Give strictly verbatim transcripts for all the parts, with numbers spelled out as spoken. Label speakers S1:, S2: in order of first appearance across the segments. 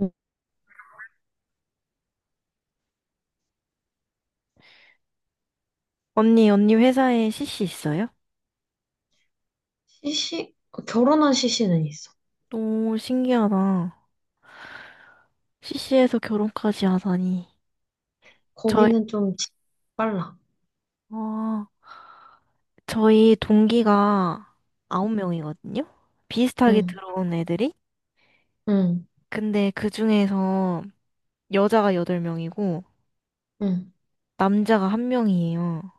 S1: 응.
S2: 언니, 언니 회사에 씨씨 있어요?
S1: c 결혼한 씨씨는 있어.
S2: 너무 신기하다. 씨씨에서 결혼까지 하다니. 저희,
S1: 거기는 좀 지- 빨라.
S2: 와, 저희 동기가 아홉 명이거든요? 비슷하게
S1: 응,
S2: 들어온 애들이?
S1: 응,
S2: 근데 그 중에서 여자가 여덟 명이고,
S1: 응,
S2: 남자가 한 명이에요.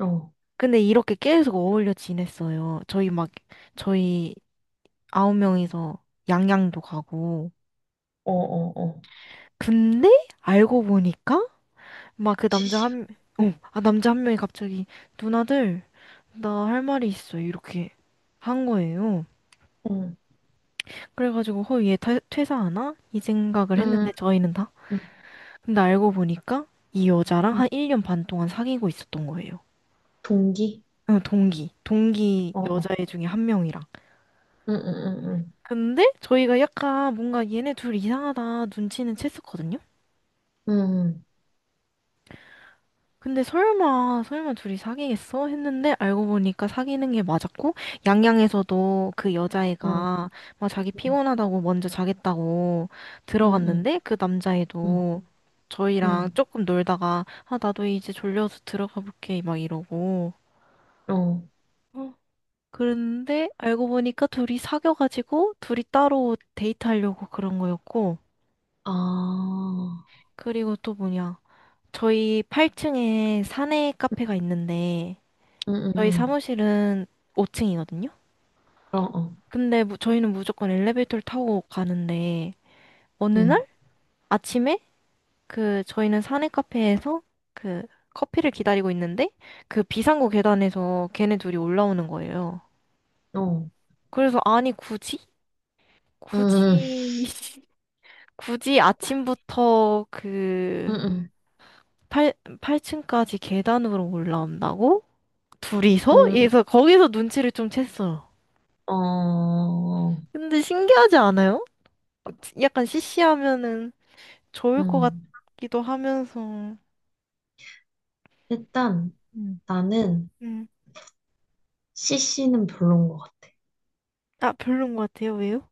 S1: 어,
S2: 근데 이렇게 계속 어울려 지냈어요. 저희 막, 저희 아홉 명이서 양양도 가고.
S1: 어, 어, 어.
S2: 근데 알고 보니까 막 그 남자
S1: 씨씨야.
S2: 한, 어, 아, 남자 한 명이 갑자기, 누나들, 나 할 말이 있어. 이렇게 한 거예요.
S1: 응,
S2: 그래가지고, 허, 얘 퇴- 퇴사하나? 이 생각을 했는데,
S1: 응,
S2: 저희는 다.
S1: 응,
S2: 근데 알고 보니까, 이 여자랑
S1: 응.
S2: 한 일 년 반 동안 사귀고 있었던 거예요.
S1: 동기?
S2: 어, 동기. 동기
S1: 어, 어.
S2: 여자애 중에 한 명이랑.
S1: 응, 응, 응,
S2: 근데, 저희가 약간 뭔가 얘네 둘 이상하다 눈치는 챘었거든요?
S1: 응.
S2: 근데 설마, 설마 둘이 사귀겠어? 했는데 알고 보니까 사귀는 게 맞았고, 양양에서도 그
S1: 응, 어,
S2: 여자애가 막 자기 피곤하다고 먼저 자겠다고
S1: 응, 응, 응,
S2: 들어갔는데, 그
S1: 응,
S2: 남자애도 저희랑
S1: 응,
S2: 조금 놀다가, 아, 나도 이제 졸려서 들어가 볼게, 막 이러고.
S1: 응. 어.
S2: 어, 그런데 알고 보니까 둘이 사귀어가지고, 둘이 따로 데이트하려고 그런 거였고,
S1: 아,
S2: 그리고 또 뭐냐. 저희 팔 층에 사내 카페가 있는데,
S1: 응, 응,
S2: 저희
S1: 응.
S2: 사무실은 오 층이거든요.
S1: 어, 어.
S2: 근데 무- 저희는 무조건 엘리베이터를 타고 가는데 어느
S1: 응,
S2: 날 아침에 그 저희는 사내 카페에서 그 커피를 기다리고 있는데 그 비상구 계단에서 걔네 둘이 올라오는 거예요.
S1: 어.
S2: 그래서 아니 굳이
S1: 응, 응,
S2: 굳이 굳이 아침부터 그
S1: 응,
S2: 팔 팔 층까지 계단으로 올라온다고? 둘이서?
S1: 응,
S2: 그래서 거기서 눈치를 좀 챘어요.
S1: 응. 어.
S2: 근데 신기하지 않아요? 약간 시시하면은 좋을 것
S1: 응.
S2: 같기도 하면서,
S1: 일단,
S2: 음,
S1: 나는
S2: 음.
S1: 씨씨는 별론 것 같아.
S2: 아, 별론 것 같아요. 왜요?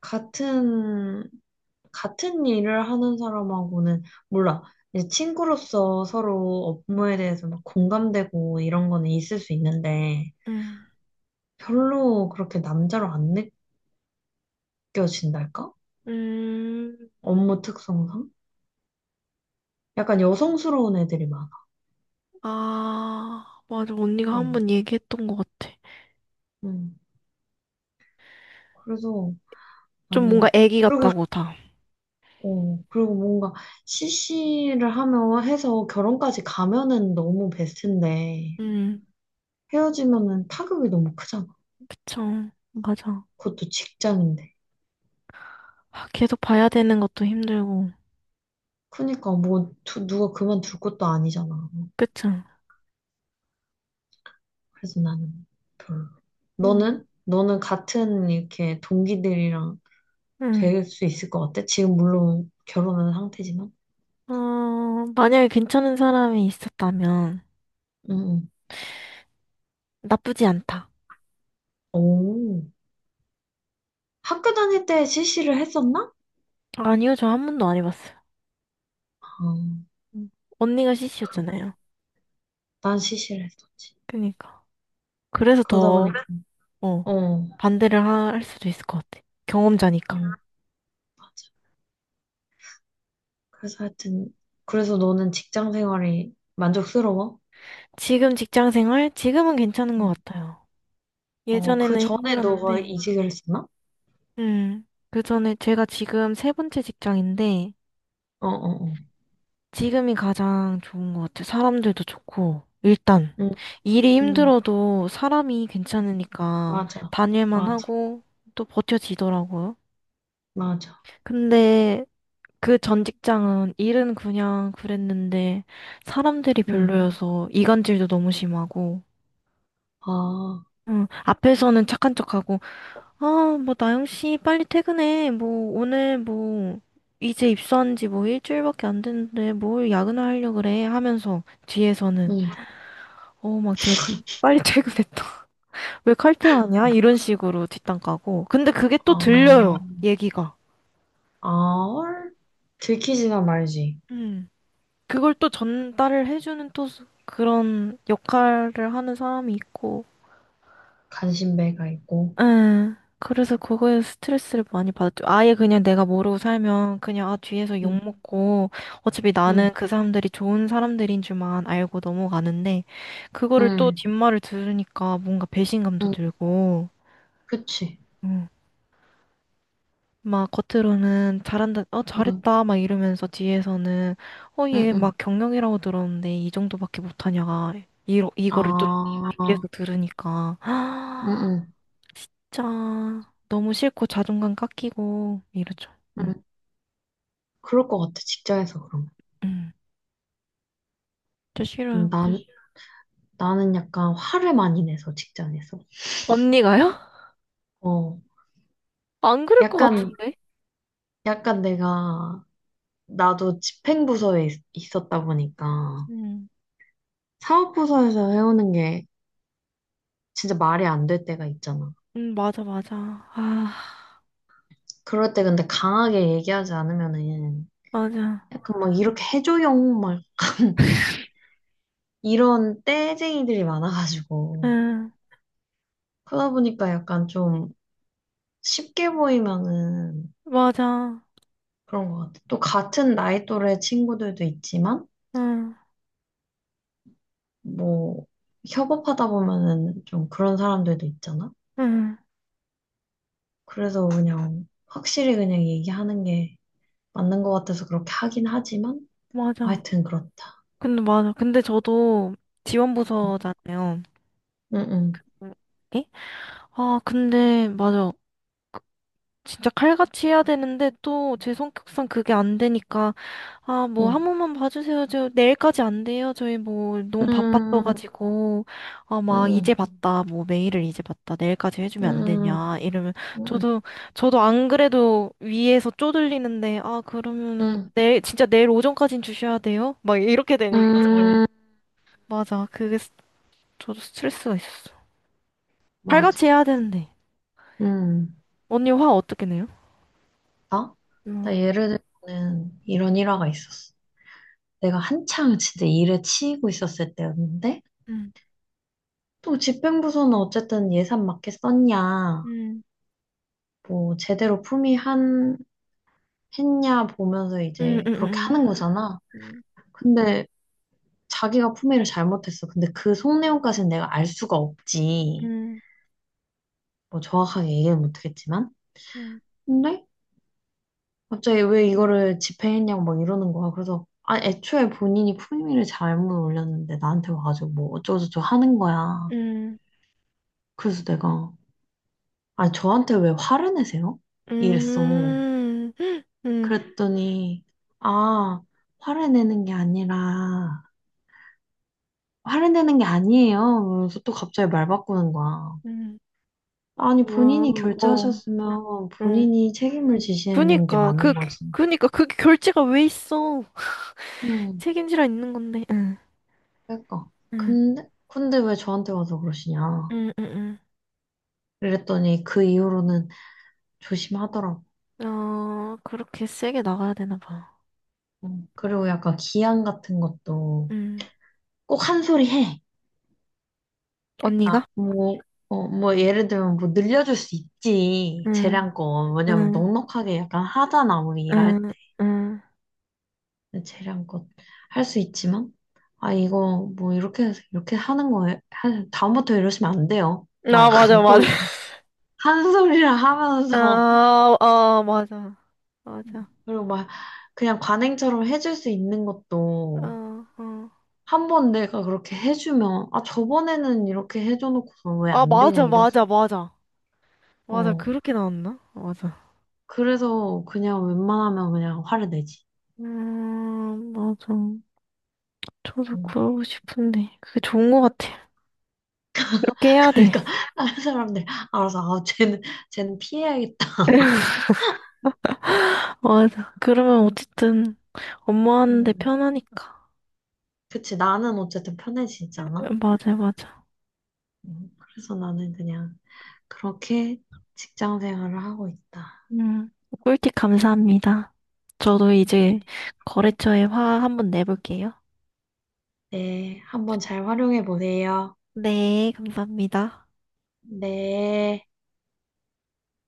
S1: 같은, 같은 일을 하는 사람하고는, 몰라. 이제 친구로서 서로
S2: 음.
S1: 업무에 대해서 막 공감되고 이런 거는 있을 수 있는데,
S2: 음.
S1: 별로 그렇게 남자로 안 느껴진달까?
S2: 음.
S1: 업무 특성상? 약간 여성스러운 애들이 많아.
S2: 아, 맞아. 언니가
S1: 어,
S2: 한 번 얘기했던 것 같아.
S1: 음. 그래서
S2: 좀 뭔가
S1: 나는,
S2: 애기
S1: 그리고,
S2: 같다고 다.
S1: 어, 그리고 뭔가 씨씨를 하며 해서 결혼까지 가면은 너무 베스트인데,
S2: 음.
S1: 헤어지면은 타격이 너무 크잖아.
S2: 그쵸. 맞아.
S1: 그것도 직장인데.
S2: 아, 계속 봐야 되는 것도 힘들고.
S1: 그니까 뭐 두- 누가 그만둘 것도 아니잖아.
S2: 그쵸.
S1: 그래서 나는 별로.
S2: 음.
S1: 너는? 너는 같은 이렇게 동기들이랑
S2: 음.
S1: 될 수 있을 것 같아? 지금 물론 결혼한 상태지만.
S2: 어, 만약에 괜찮은 사람이 있었다면
S1: 응. 응.
S2: 나쁘지 않다.
S1: 오. 학교 다닐 때 씨씨를 했었나?
S2: 아니요, 저 한 번도 안 해봤어요.
S1: 아,
S2: 음. 언니가
S1: 그렇구나.
S2: 씨씨였잖아요.
S1: 난 씨씨를 했었지.
S2: 그니까. 그래서
S1: 그러다
S2: 더
S1: 보니까
S2: 어,
S1: 어, 어,
S2: 반대를 하- 할 수도 있을 것 같아. 경험자니까.
S1: 맞아. 그래서 하여튼 그래서 너는 직장 생활이 만족스러워?
S2: 지금 직장 생활? 지금은 괜찮은 것
S1: 응.
S2: 같아요.
S1: 어, 그
S2: 예전에는
S1: 전에 너가
S2: 힘들었는데,
S1: 이직을 했었나?
S2: 음, 그 전에 제가 지금 세 번째 직장인데,
S1: 어, 어, 어.
S2: 지금이 가장 좋은 것 같아요. 사람들도 좋고, 일단,
S1: 응.
S2: 일이
S1: 응.
S2: 힘들어도 사람이 괜찮으니까
S1: 맞아,
S2: 다닐만
S1: 맞아,
S2: 하고, 또 버텨지더라고요.
S1: 맞아.
S2: 근데 그 전 직장은 일은 그냥 그랬는데, 사람들이
S1: 응,
S2: 별로여서 이간질도 너무 심하고,
S1: 아,
S2: 응, 앞에서는 착한 척하고, 아, 뭐, 나영 씨, 빨리 퇴근해. 뭐, 오늘 뭐, 이제 입사한 지 뭐 일주일밖에 안 됐는데, 뭘 야근을 하려 그래? 하면서, 뒤에서는,
S1: 응,
S2: 어, 막, 쟤, 빨리 퇴근했다. 왜 칼퇴하냐? 이런 식으로 뒷담 까고. 근데 그게 또
S1: 아,
S2: 들려요, 얘기가.
S1: 아얼? 들키지가 말지.
S2: 음, 그걸 또 전달을 해주는 또, 그런 역할을 하는 사람이 있고,
S1: 간신배가 있고.
S2: 응. 그래서 그거에 스트레스를 많이 받았죠. 아예 그냥 내가 모르고 살면 그냥 아 뒤에서 욕
S1: 응,
S2: 먹고 어차피
S1: 응,
S2: 나는 그 사람들이 좋은 사람들인 줄만 알고 넘어가는데 그거를 또
S1: 응,
S2: 뒷말을 들으니까 뭔가 배신감도
S1: 응,
S2: 들고
S1: 그치.
S2: 응. 막 겉으로는 잘한다, 어
S1: 응,
S2: 잘했다 막 이러면서 뒤에서는 어
S1: 응,
S2: 얘
S1: 응.
S2: 막 경영이라고 들었는데 이 정도밖에 못하냐가 이 이거를 또
S1: 아,
S2: 뒤에서 들으니까
S1: 응, 응,
S2: 진짜 너무 싫고 자존감 깎이고 이러죠. 응,
S1: 응. 그럴 것 같아, 직장에서 그러면.
S2: 응. 저
S1: 음,
S2: 싫어요. 그
S1: 난, 나는 약간 화를 많이 내서, 직장에서.
S2: 언니가요?
S1: 어,
S2: 안 그럴 것
S1: 약간,
S2: 같은데?
S1: 약간 내가, 나도 집행부서에 있- 있었다 보니까,
S2: 응,
S1: 사업부서에서 해오는 게 진짜 말이 안 될 때가 있잖아.
S2: 응, 맞아, 맞아. 아,
S1: 그럴 때 근데 강하게 얘기하지 않으면은
S2: 맞아.
S1: 약간 막 이렇게 해줘용 막 이런 떼쟁이들이 많아가지고
S2: 응,
S1: 그러다 보니까 약간 좀 쉽게 보이면은
S2: 맞아.
S1: 그런 것 같아. 또 같은 나이 또래 친구들도 있지만
S2: 응,
S1: 뭐 협업하다 보면은 좀 그런 사람들도 있잖아.
S2: 응,
S1: 그래서 그냥 확실히 그냥 얘기하는 게 맞는 것 같아서 그렇게 하긴 하지만 뭐
S2: 맞아.
S1: 하여튼 그렇다.
S2: 근데 맞아. 근데 저도 지원부서잖아요.
S1: 응응.
S2: 응. 에? 아, 근데 맞아. 진짜 칼같이 해야 되는데 또 제 성격상 그게 안 되니까 아 뭐 한
S1: 응.
S2: 번만 봐주세요 저 내일까지 안 돼요 저희 뭐 너무
S1: 응. 음,
S2: 바빴어가지고 아 막 이제
S1: 응,
S2: 봤다 뭐 메일을 이제 봤다 내일까지 해주면 안
S1: 응,
S2: 되냐 이러면
S1: 응,
S2: 저도 저도 안 그래도 위에서 쪼들리는데 아 그러면은
S1: 응,
S2: 내일 진짜 내일 오전까진 주셔야 돼요 막 이렇게 되니까 저
S1: 응,
S2: 맞아 그게 스- 저도 스트레스가 있었어
S1: 맞아.
S2: 칼같이 해야 되는데
S1: 응.
S2: 언니 화 어떻게 내요?
S1: 나?
S2: 음,
S1: 나 예를 들면 이런 일화가 있었어. 내가 한창 진짜 일에 치이고 있었을 때였는데,
S2: 음.
S1: 또 집행부서는 어쨌든 예산 맞게 썼냐,
S2: 음.
S1: 뭐 제대로 품위한, 했냐 보면서 이제 그렇게
S2: 응응응
S1: 하는 거잖아.
S2: 음,
S1: 근데 자기가 품위를 잘못했어. 근데 그 속내용까지는 내가 알 수가 없지.
S2: 음,
S1: 뭐 정확하게 얘기는 못하겠지만.
S2: 음,
S1: 근데 갑자기 왜 이거를 집행했냐고 막 이러는 거야. 그래서, 아, 애초에 본인이 품위를 잘못 올렸는데 나한테 와가지고 뭐 어쩌고저쩌고 하는 거야.
S2: 음,
S1: 그래서 내가, 아, 니 저한테 왜 화를 내세요? 이랬어.
S2: 음, 음.
S1: 그랬더니, 아, 화를 내는 게 아니라, 화를 내는 게 아니에요. 그래서 또 갑자기 말 바꾸는 거야.
S2: 음.
S1: 아니,
S2: 어,
S1: 본인이
S2: 어,
S1: 결제하셨으면
S2: 응.
S1: 본인이 책임을 지시는 게
S2: 그니까, 그,
S1: 맞는 거지.
S2: 그니까, 그게 결제가 왜 있어?
S1: 음,
S2: 책임지라 있는 건데, 응,
S1: 그러니까.
S2: 응,
S1: 근데, 근데 왜 저한테 와서 그러시냐.
S2: 응, 응,
S1: 그랬더니 그 이후로는 조심하더라고.
S2: 응. 어, 그렇게 세게 나가야 되나 봐.
S1: 음, 그리고 약간 기한 같은 것도
S2: 응.
S1: 꼭 한 소리 해. 아,
S2: 언니가?
S1: 뭐, 어, 뭐 예를 들면 뭐 늘려줄 수 있지.
S2: 응,
S1: 재량권. 왜냐면
S2: 응,
S1: 넉넉하게 약간 하잖아. 우리 일할
S2: 응, 응.
S1: 때. 재량권 할 수 있지만 아 이거 뭐 이렇게 해서 이렇게 하는 거예요. 한- 다음부터 이러시면 안 돼요. 막
S2: 아, 맞아,
S1: 약간 꼭
S2: 맞아.
S1: 한 소리를 하면서
S2: 아, 아, 맞아. 맞아.
S1: 그리고 막 그냥 관행처럼 해줄 수 있는 것도
S2: 어, 어.
S1: 한 번 내가 그렇게 해주면, 아, 저번에는 이렇게 해줘놓고서 왜
S2: 아,
S1: 안 되냐,
S2: 맞아,
S1: 이럴 수.
S2: 맞아, 맞아. 맞아,
S1: 어.
S2: 그렇게 나왔나? 맞아.
S1: 그래서 그냥 웬만하면 그냥 화를 내지.
S2: 음, 맞아. 저도
S1: 음.
S2: 그러고 싶은데, 그게 좋은 것 같아. 그렇게 해야 돼.
S1: 그러니까 다른 사람들 알아서, 아, 쟤는, 쟤는 피해야겠다.
S2: 맞아. 그러면 어쨌든, 업무하는데
S1: 음.
S2: 편하니까.
S1: 그치, 나는 어쨌든 편해지지 않아?
S2: 맞아, 맞아.
S1: 음. 그래서 나는 그냥 그렇게 직장 생활을 하고 있다.
S2: 음, 꿀팁 감사합니다. 저도
S1: 네,
S2: 이제 거래처에 화 한번 내볼게요.
S1: 네. 한번 잘 활용해 보세요.
S2: 네, 감사합니다.
S1: 네.